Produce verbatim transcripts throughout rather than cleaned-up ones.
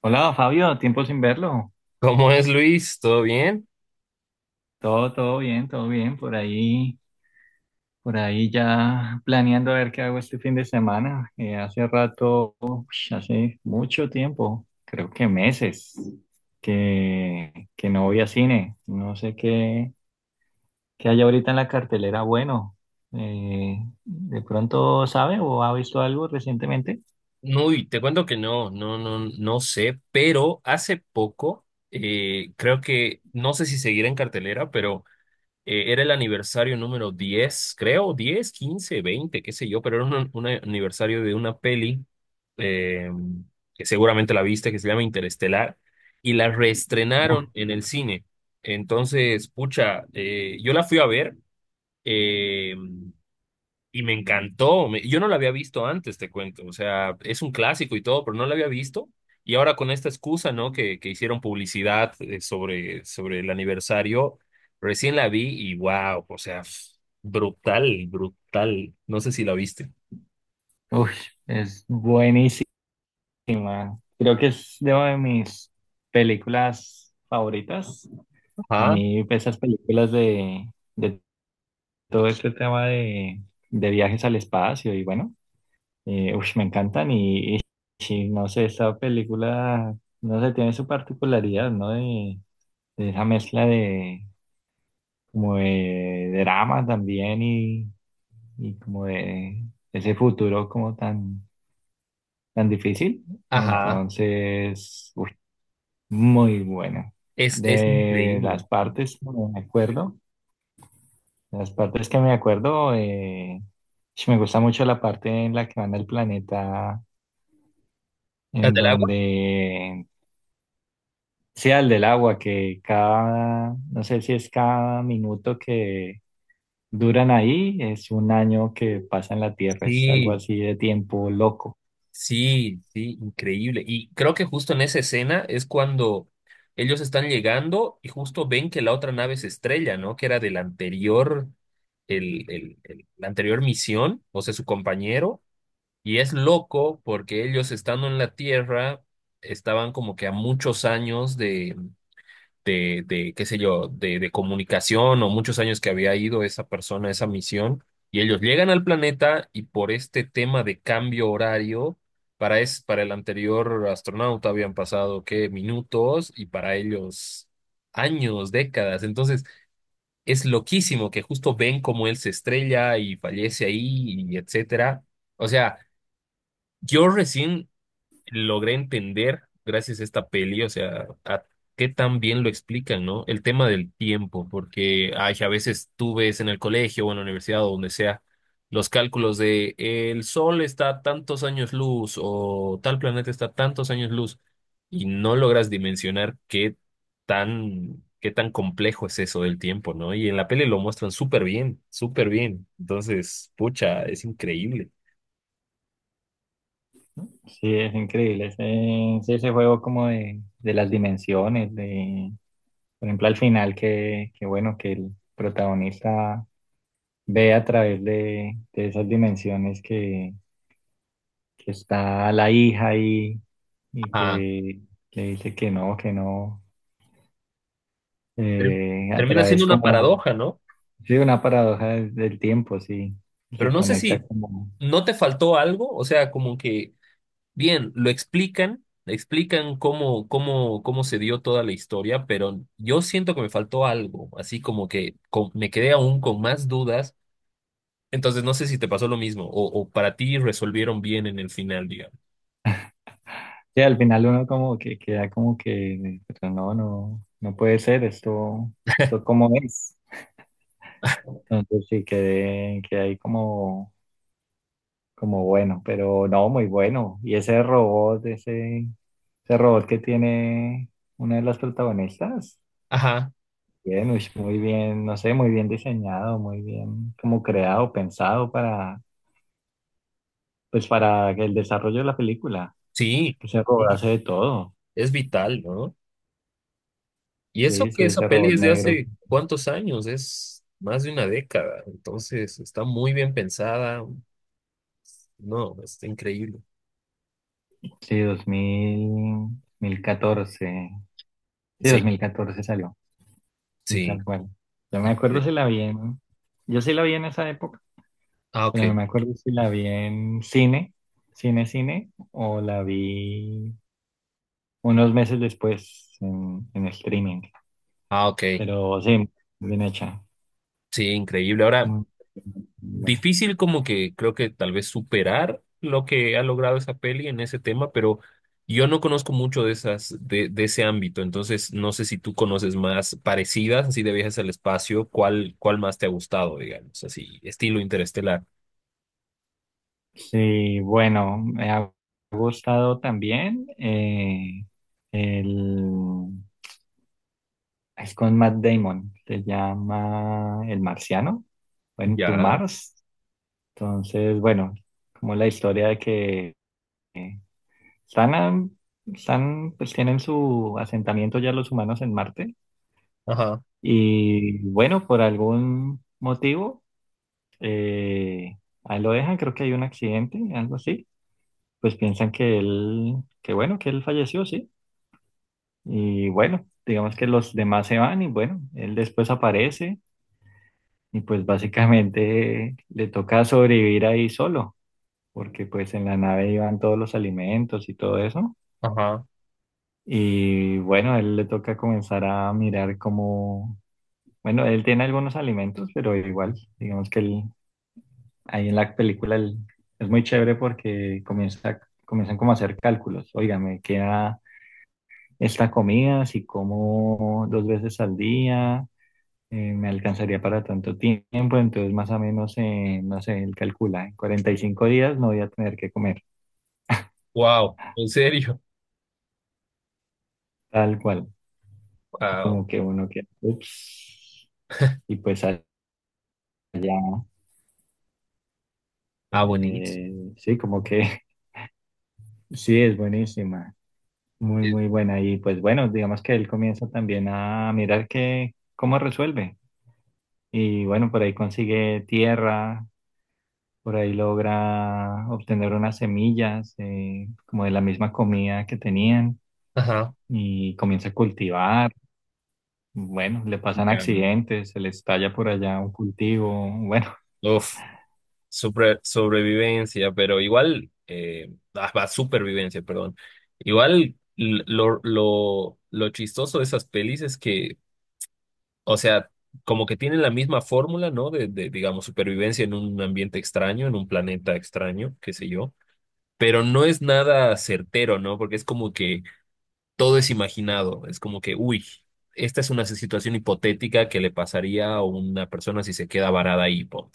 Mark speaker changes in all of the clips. Speaker 1: Hola Fabio, tiempo sin verlo.
Speaker 2: ¿Cómo es Luis? ¿Todo bien?
Speaker 1: Todo, todo bien, todo bien. Por ahí, por ahí ya planeando a ver qué hago este fin de semana. Eh, hace rato, ush, hace mucho tiempo, creo que meses, que, que no voy a cine. No sé qué, qué hay ahorita en la cartelera. Bueno, eh, ¿de pronto sabe o ha visto algo recientemente?
Speaker 2: Uy, te cuento que no, no, no, no sé, pero hace poco, eh, creo que, no sé si seguirá en cartelera, pero eh, era el aniversario número diez, creo, diez, quince, veinte, qué sé yo, pero era un, un aniversario de una peli eh, que seguramente la viste, que se llama Interestelar, y la
Speaker 1: Uf,
Speaker 2: reestrenaron en el cine. Entonces, pucha, eh, yo la fui a ver. eh, Y me encantó. Me- yo no la había visto antes, te cuento. O sea, es un clásico y todo, pero no la había visto. Y ahora con esta excusa, ¿no? Que, que hicieron publicidad eh, sobre, sobre el aniversario, recién la vi y wow, o sea, f- brutal, brutal. No sé si la viste.
Speaker 1: uf, es buenísima. Creo que es de una de mis películas favoritas. A
Speaker 2: Ajá,
Speaker 1: mí pues, esas películas de, de todo este tema de, de viajes al espacio y bueno, eh, ush, me encantan y, y- y no sé, esta película, no sé, tiene su particularidad, ¿no? De, de esa mezcla de como de drama también y, y como de ese futuro como tan, tan difícil.
Speaker 2: ajá.
Speaker 1: Entonces, uy, muy buena.
Speaker 2: Es, es
Speaker 1: De
Speaker 2: increíble.
Speaker 1: las partes, no me acuerdo. Las partes que me acuerdo, eh, sí, me gusta mucho la parte en la que van al planeta,
Speaker 2: ¿La
Speaker 1: en
Speaker 2: del agua?
Speaker 1: donde sea el del agua, que cada, no sé si es cada minuto que duran ahí, es un año que pasa en la Tierra, es algo
Speaker 2: Sí.
Speaker 1: así de tiempo loco.
Speaker 2: Sí, sí, increíble. Y creo que justo en esa escena es cuando ellos están llegando y justo ven que la otra nave se estrella, ¿no? Que era del anterior, el, el, el- la anterior misión, o sea, su compañero. Y es loco porque ellos estando en la Tierra estaban como que a muchos años de, de, qué sé yo, de, de comunicación o muchos años que había ido esa persona a esa misión, y ellos llegan al planeta y por este tema de cambio horario, para, es, para el anterior astronauta habían pasado, ¿qué? Minutos y para ellos años, décadas. Entonces, es loquísimo que justo ven cómo él se estrella y fallece ahí y etcétera. O sea, yo recién logré entender gracias a esta peli, o sea, a qué tan bien lo explican, ¿no? El tema del tiempo, porque ay, a veces tú ves en el colegio o en la universidad o donde sea los cálculos de eh, el sol está a tantos años luz o tal planeta está a tantos años luz y no logras dimensionar qué tan, qué tan complejo es eso del tiempo, ¿no? Y en la peli lo muestran súper bien, súper bien. Entonces, pucha, es increíble.
Speaker 1: Sí, es increíble ese, sí, ese juego como de, de las dimensiones, de, por ejemplo, al final que, que bueno, que el protagonista ve a través de, de esas dimensiones que que está la hija ahí y
Speaker 2: Ah,
Speaker 1: que le dice que no, que no,
Speaker 2: pero
Speaker 1: eh, a
Speaker 2: termina siendo
Speaker 1: través
Speaker 2: una
Speaker 1: como,
Speaker 2: paradoja, ¿no?
Speaker 1: sí, una paradoja del, del tiempo, sí,
Speaker 2: Pero
Speaker 1: se
Speaker 2: no sé
Speaker 1: conecta
Speaker 2: si
Speaker 1: como,
Speaker 2: no te faltó algo, o sea, como que, bien, lo explican, explican cómo, cómo, cómo se dio toda la historia, pero yo siento que me faltó algo, así como que con- me quedé aún con más dudas, entonces no sé si te pasó lo mismo, o, o para ti resolvieron bien en el final, digamos.
Speaker 1: sí, al final uno como que queda como que, pero no, no, no puede ser esto, esto como es. Entonces sí, quedé, quedé ahí como, como bueno, pero no, muy bueno. Y ese robot, ese, ese robot que tiene una de las protagonistas.
Speaker 2: Ajá,
Speaker 1: Bien, uy, muy bien, no sé, muy bien diseñado, muy bien como creado, pensado para, pues para el desarrollo de la película.
Speaker 2: sí,
Speaker 1: Pues ese robot
Speaker 2: sí,
Speaker 1: hace de todo.
Speaker 2: es vital, ¿no? Y eso
Speaker 1: Sí,
Speaker 2: que
Speaker 1: sí,
Speaker 2: esa
Speaker 1: ese
Speaker 2: peli
Speaker 1: robot
Speaker 2: es de
Speaker 1: negro.
Speaker 2: hace cuántos años, es más de una década, entonces está muy bien pensada, no, está increíble.
Speaker 1: Sí, dos mil mil catorce. Sí,
Speaker 2: Sí.
Speaker 1: dos mil catorce salió. Sí,
Speaker 2: Sí.
Speaker 1: tal cual. Yo me acuerdo
Speaker 2: Increíble.
Speaker 1: si la vi en, yo sí la vi en esa época,
Speaker 2: Ah, ok.
Speaker 1: pero no me acuerdo si la vi en cine, cine, cine, o la vi unos meses después en, en streaming.
Speaker 2: Ah, ok.
Speaker 1: Pero sí, bien hecha.
Speaker 2: Sí, increíble. Ahora,
Speaker 1: Muy bueno.
Speaker 2: difícil como que creo que tal vez superar lo que ha logrado esa peli en ese tema, pero yo no conozco mucho de esas, de, de ese ámbito, entonces no sé si tú conoces más parecidas, así de viajes al espacio, ¿cuál, cuál más te ha gustado, digamos, así, estilo interestelar?
Speaker 1: Sí, bueno, me ha gustado también, eh, el es con Matt Damon, se llama El Marciano, bueno, To
Speaker 2: Ya.
Speaker 1: Mars. Entonces, bueno, como la historia de que están, a- están, pues tienen su asentamiento ya los humanos en Marte
Speaker 2: Ajá.
Speaker 1: y bueno, por algún motivo, eh, ahí lo dejan, creo que hay un accidente, algo así, pues piensan que él, que bueno, que él falleció, sí. Y bueno, digamos que los demás se van y bueno, él después aparece y pues básicamente le toca sobrevivir ahí solo, porque pues en la nave iban todos los alimentos y todo eso.
Speaker 2: Ajá.
Speaker 1: Y bueno, a él le toca comenzar a mirar cómo, bueno, él tiene algunos alimentos, pero igual, digamos que él, ahí en la película él- es muy chévere porque comienza, comienzan como a hacer cálculos. Oiga, me queda esta comida, si como dos veces al día, eh, me alcanzaría para tanto tiempo, entonces más o menos, eh, no sé, él calcula, en cuarenta y cinco días no voy a tener que comer,
Speaker 2: Wow. ¿En serio?
Speaker 1: tal cual,
Speaker 2: Wow.
Speaker 1: como que uno que, ups, y pues allá,
Speaker 2: Ah, buenísimo.
Speaker 1: eh, sí, como que sí, es buenísima, muy,
Speaker 2: Eh,
Speaker 1: muy buena, y pues bueno, digamos que él comienza también a mirar que, cómo resuelve, y bueno, por ahí consigue tierra. Por ahí logra obtener unas semillas, eh, como de la misma comida que tenían
Speaker 2: Ajá.
Speaker 1: y comienza a cultivar. Bueno, le pasan
Speaker 2: Ya.
Speaker 1: accidentes, se le estalla por allá un cultivo. Bueno,
Speaker 2: Uf. Supre- sobrevivencia, pero igual, eh, ah, va, supervivencia, perdón. Igual l- lo, lo, lo chistoso de esas pelis es que, o sea, como que tienen la misma fórmula, ¿no? De, de, digamos, supervivencia en un ambiente extraño, en un planeta extraño, qué sé yo, pero no es nada certero, ¿no? Porque es como que todo es imaginado, es como que, uy, esta es una situación hipotética que le pasaría a una persona si se queda varada ahí, po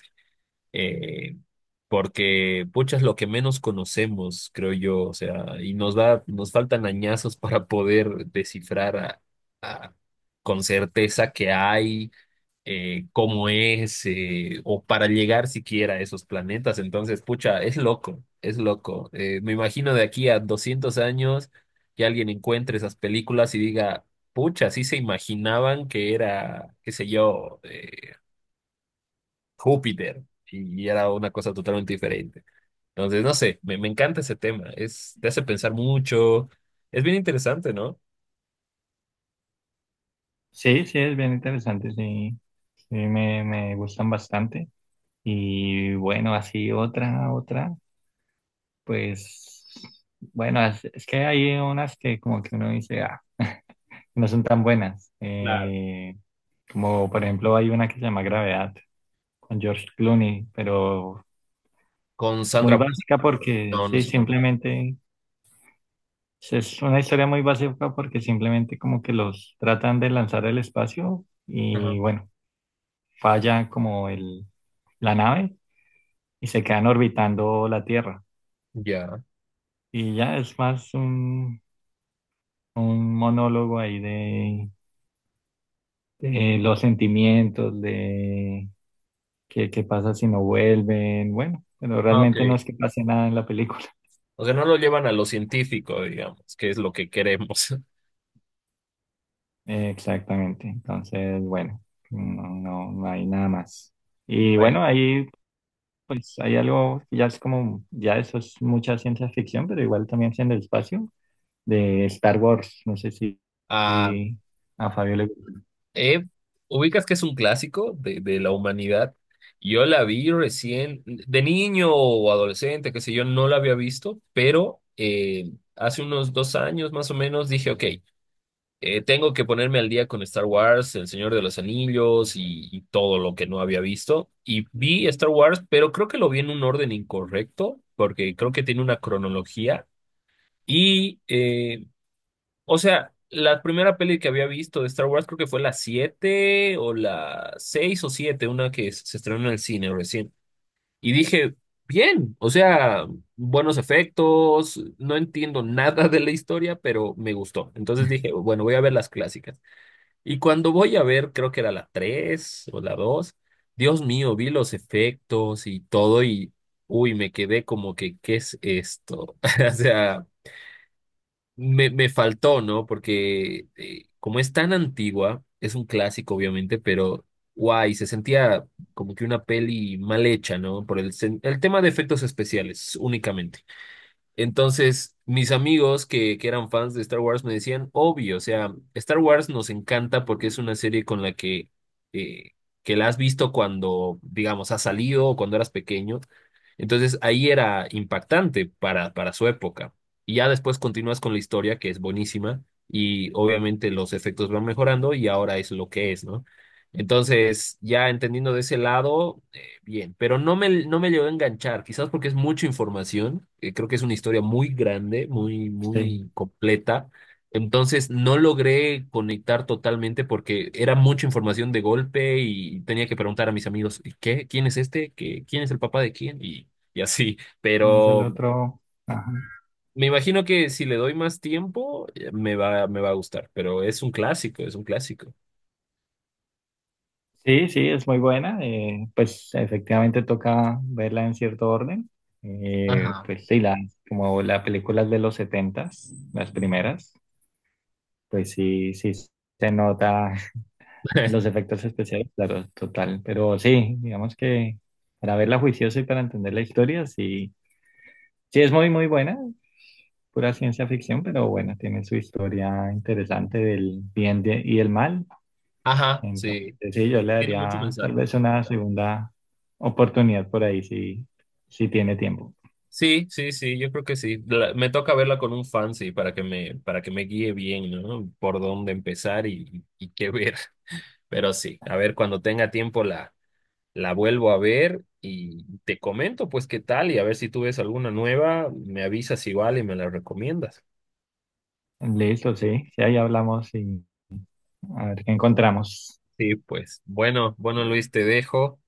Speaker 2: eh, porque, pucha, es lo que menos conocemos, creo yo, o sea, y nos da, nos faltan añazos para poder descifrar a- a- con certeza qué hay, eh, cómo es, eh, o para llegar siquiera a esos planetas. Entonces, pucha, es loco, es loco. Eh, me imagino de aquí a doscientos años que alguien encuentre esas películas y diga, pucha, sí se imaginaban que era, qué sé yo, eh, Júpiter y era una cosa totalmente diferente. Entonces, no sé, me, me encanta ese tema, es, te hace pensar mucho, es bien interesante, ¿no?
Speaker 1: sí, sí, es bien interesante, sí, sí, me, me gustan bastante. Y bueno, así otra, otra, pues bueno, es, es que hay unas que como que uno dice, ah, no son tan buenas.
Speaker 2: Claro.
Speaker 1: Eh, como por ejemplo hay una que se llama Gravedad, con George Clooney, pero
Speaker 2: Con
Speaker 1: muy
Speaker 2: Sandra Bullock,
Speaker 1: básica porque
Speaker 2: no, no es
Speaker 1: sí,
Speaker 2: Sandra Bullock.
Speaker 1: simplemente es es una historia muy básica porque simplemente como que los tratan de lanzar al espacio
Speaker 2: Ajá.
Speaker 1: y bueno, falla como el, la nave y se quedan orbitando la Tierra.
Speaker 2: Ya.
Speaker 1: Y ya es más un, un monólogo ahí de, de los sentimientos, de qué, qué pasa si no vuelven, bueno, pero
Speaker 2: Ah,
Speaker 1: realmente no
Speaker 2: ok.
Speaker 1: es que pase nada en la película.
Speaker 2: O sea, no lo llevan a lo científico, digamos, que es lo que queremos.
Speaker 1: Exactamente. Entonces, bueno, no, no, no hay nada más. Y
Speaker 2: Bueno.
Speaker 1: bueno, ahí pues hay algo, que ya es como, ya eso es mucha ciencia ficción, pero igual también es en el espacio, de Star Wars. No sé si,
Speaker 2: Ah,
Speaker 1: si a Fabio le gusta.
Speaker 2: eh, ubicas que es un clásico de, de la humanidad. Yo la vi recién, de niño o adolescente, qué sé yo, no la había visto, pero eh, hace unos dos años más o menos dije, ok, Eh, tengo que ponerme al día con Star Wars, El Señor de los Anillos y, y todo lo que no había visto. Y vi Star Wars, pero creo que lo vi en un orden incorrecto, porque creo que tiene una cronología. Y, eh, o sea, la primera peli que había visto de Star Wars creo que fue la siete o la seis o siete una que se estrenó en el cine recién. Y dije, bien, o sea, buenos efectos, no entiendo nada de la historia, pero me gustó. Entonces dije, bueno, voy a ver las clásicas. Y cuando voy a ver, creo que era la tres o la dos Dios mío, vi los efectos y todo y, uy, me quedé como que, ¿qué es esto? O sea, me, me faltó, ¿no? Porque eh, como es tan antigua, es un clásico, obviamente, pero, guay, se sentía como que una peli mal hecha, ¿no? Por el, sen- el tema de efectos especiales únicamente. Entonces, mis amigos que, que eran fans de Star Wars me decían, obvio, o sea, Star Wars nos encanta porque es una serie con la que, eh, que la has visto cuando, digamos, ha salido o cuando eras pequeño. Entonces, ahí era impactante para, para su época. Y ya después continúas con la historia, que es buenísima, y obviamente los efectos van mejorando y ahora es lo que es, ¿no? Entonces, ya entendiendo de ese lado bien, pero no me, no me llegó a enganchar, quizás porque es mucha información, eh, creo que es una historia muy grande, muy,
Speaker 1: Sí,
Speaker 2: muy completa, entonces no logré conectar totalmente porque era mucha información de golpe y tenía que preguntar a mis amigos, ¿y ¿qué? ¿Quién es este? ¿Qué? ¿Quién es el papá de quién? Y, y así,
Speaker 1: es el
Speaker 2: pero
Speaker 1: otro. Ajá.
Speaker 2: me imagino que si le doy más tiempo, eh, me va, me va a gustar, pero es un clásico, es un clásico.
Speaker 1: Sí, sí, es muy buena. Eh, pues efectivamente toca verla en cierto orden. Eh,
Speaker 2: Ajá.
Speaker 1: pues sí, la, como las películas de los setentas, las primeras, pues sí, sí se nota. Los efectos especiales, claro, total. Pero sí, digamos que para verla juiciosa y para entender la historia, sí, sí es muy, muy buena, pura ciencia ficción, pero bueno, tiene su historia interesante del bien de- y el mal.
Speaker 2: Ajá,
Speaker 1: Entonces,
Speaker 2: sí,
Speaker 1: sí, yo le
Speaker 2: tiene mucho
Speaker 1: daría tal
Speaker 2: mensaje.
Speaker 1: vez una segunda oportunidad por ahí, si, si tiene tiempo.
Speaker 2: Sí, sí, sí, yo creo que sí. La- me toca verla con un fan, sí, para que me, para que me guíe bien, ¿no? Por dónde empezar y, y qué ver. Pero sí, a ver, cuando tenga tiempo la, la vuelvo a ver y te comento, pues, qué tal y a ver si tú ves alguna nueva, me avisas igual y me la recomiendas.
Speaker 1: Listo, sí, sí, ahí hablamos y a ver qué encontramos.
Speaker 2: Sí, pues, bueno, bueno, Luis, te dejo.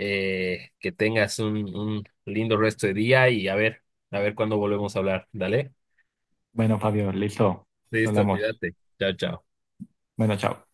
Speaker 2: Eh, que tengas un, un lindo resto de día y a ver, a ver cuándo volvemos a hablar. Dale.
Speaker 1: Bueno, Fabio, listo,
Speaker 2: Listo,
Speaker 1: hablamos.
Speaker 2: cuídate. Chao, chao.
Speaker 1: Bueno, chao.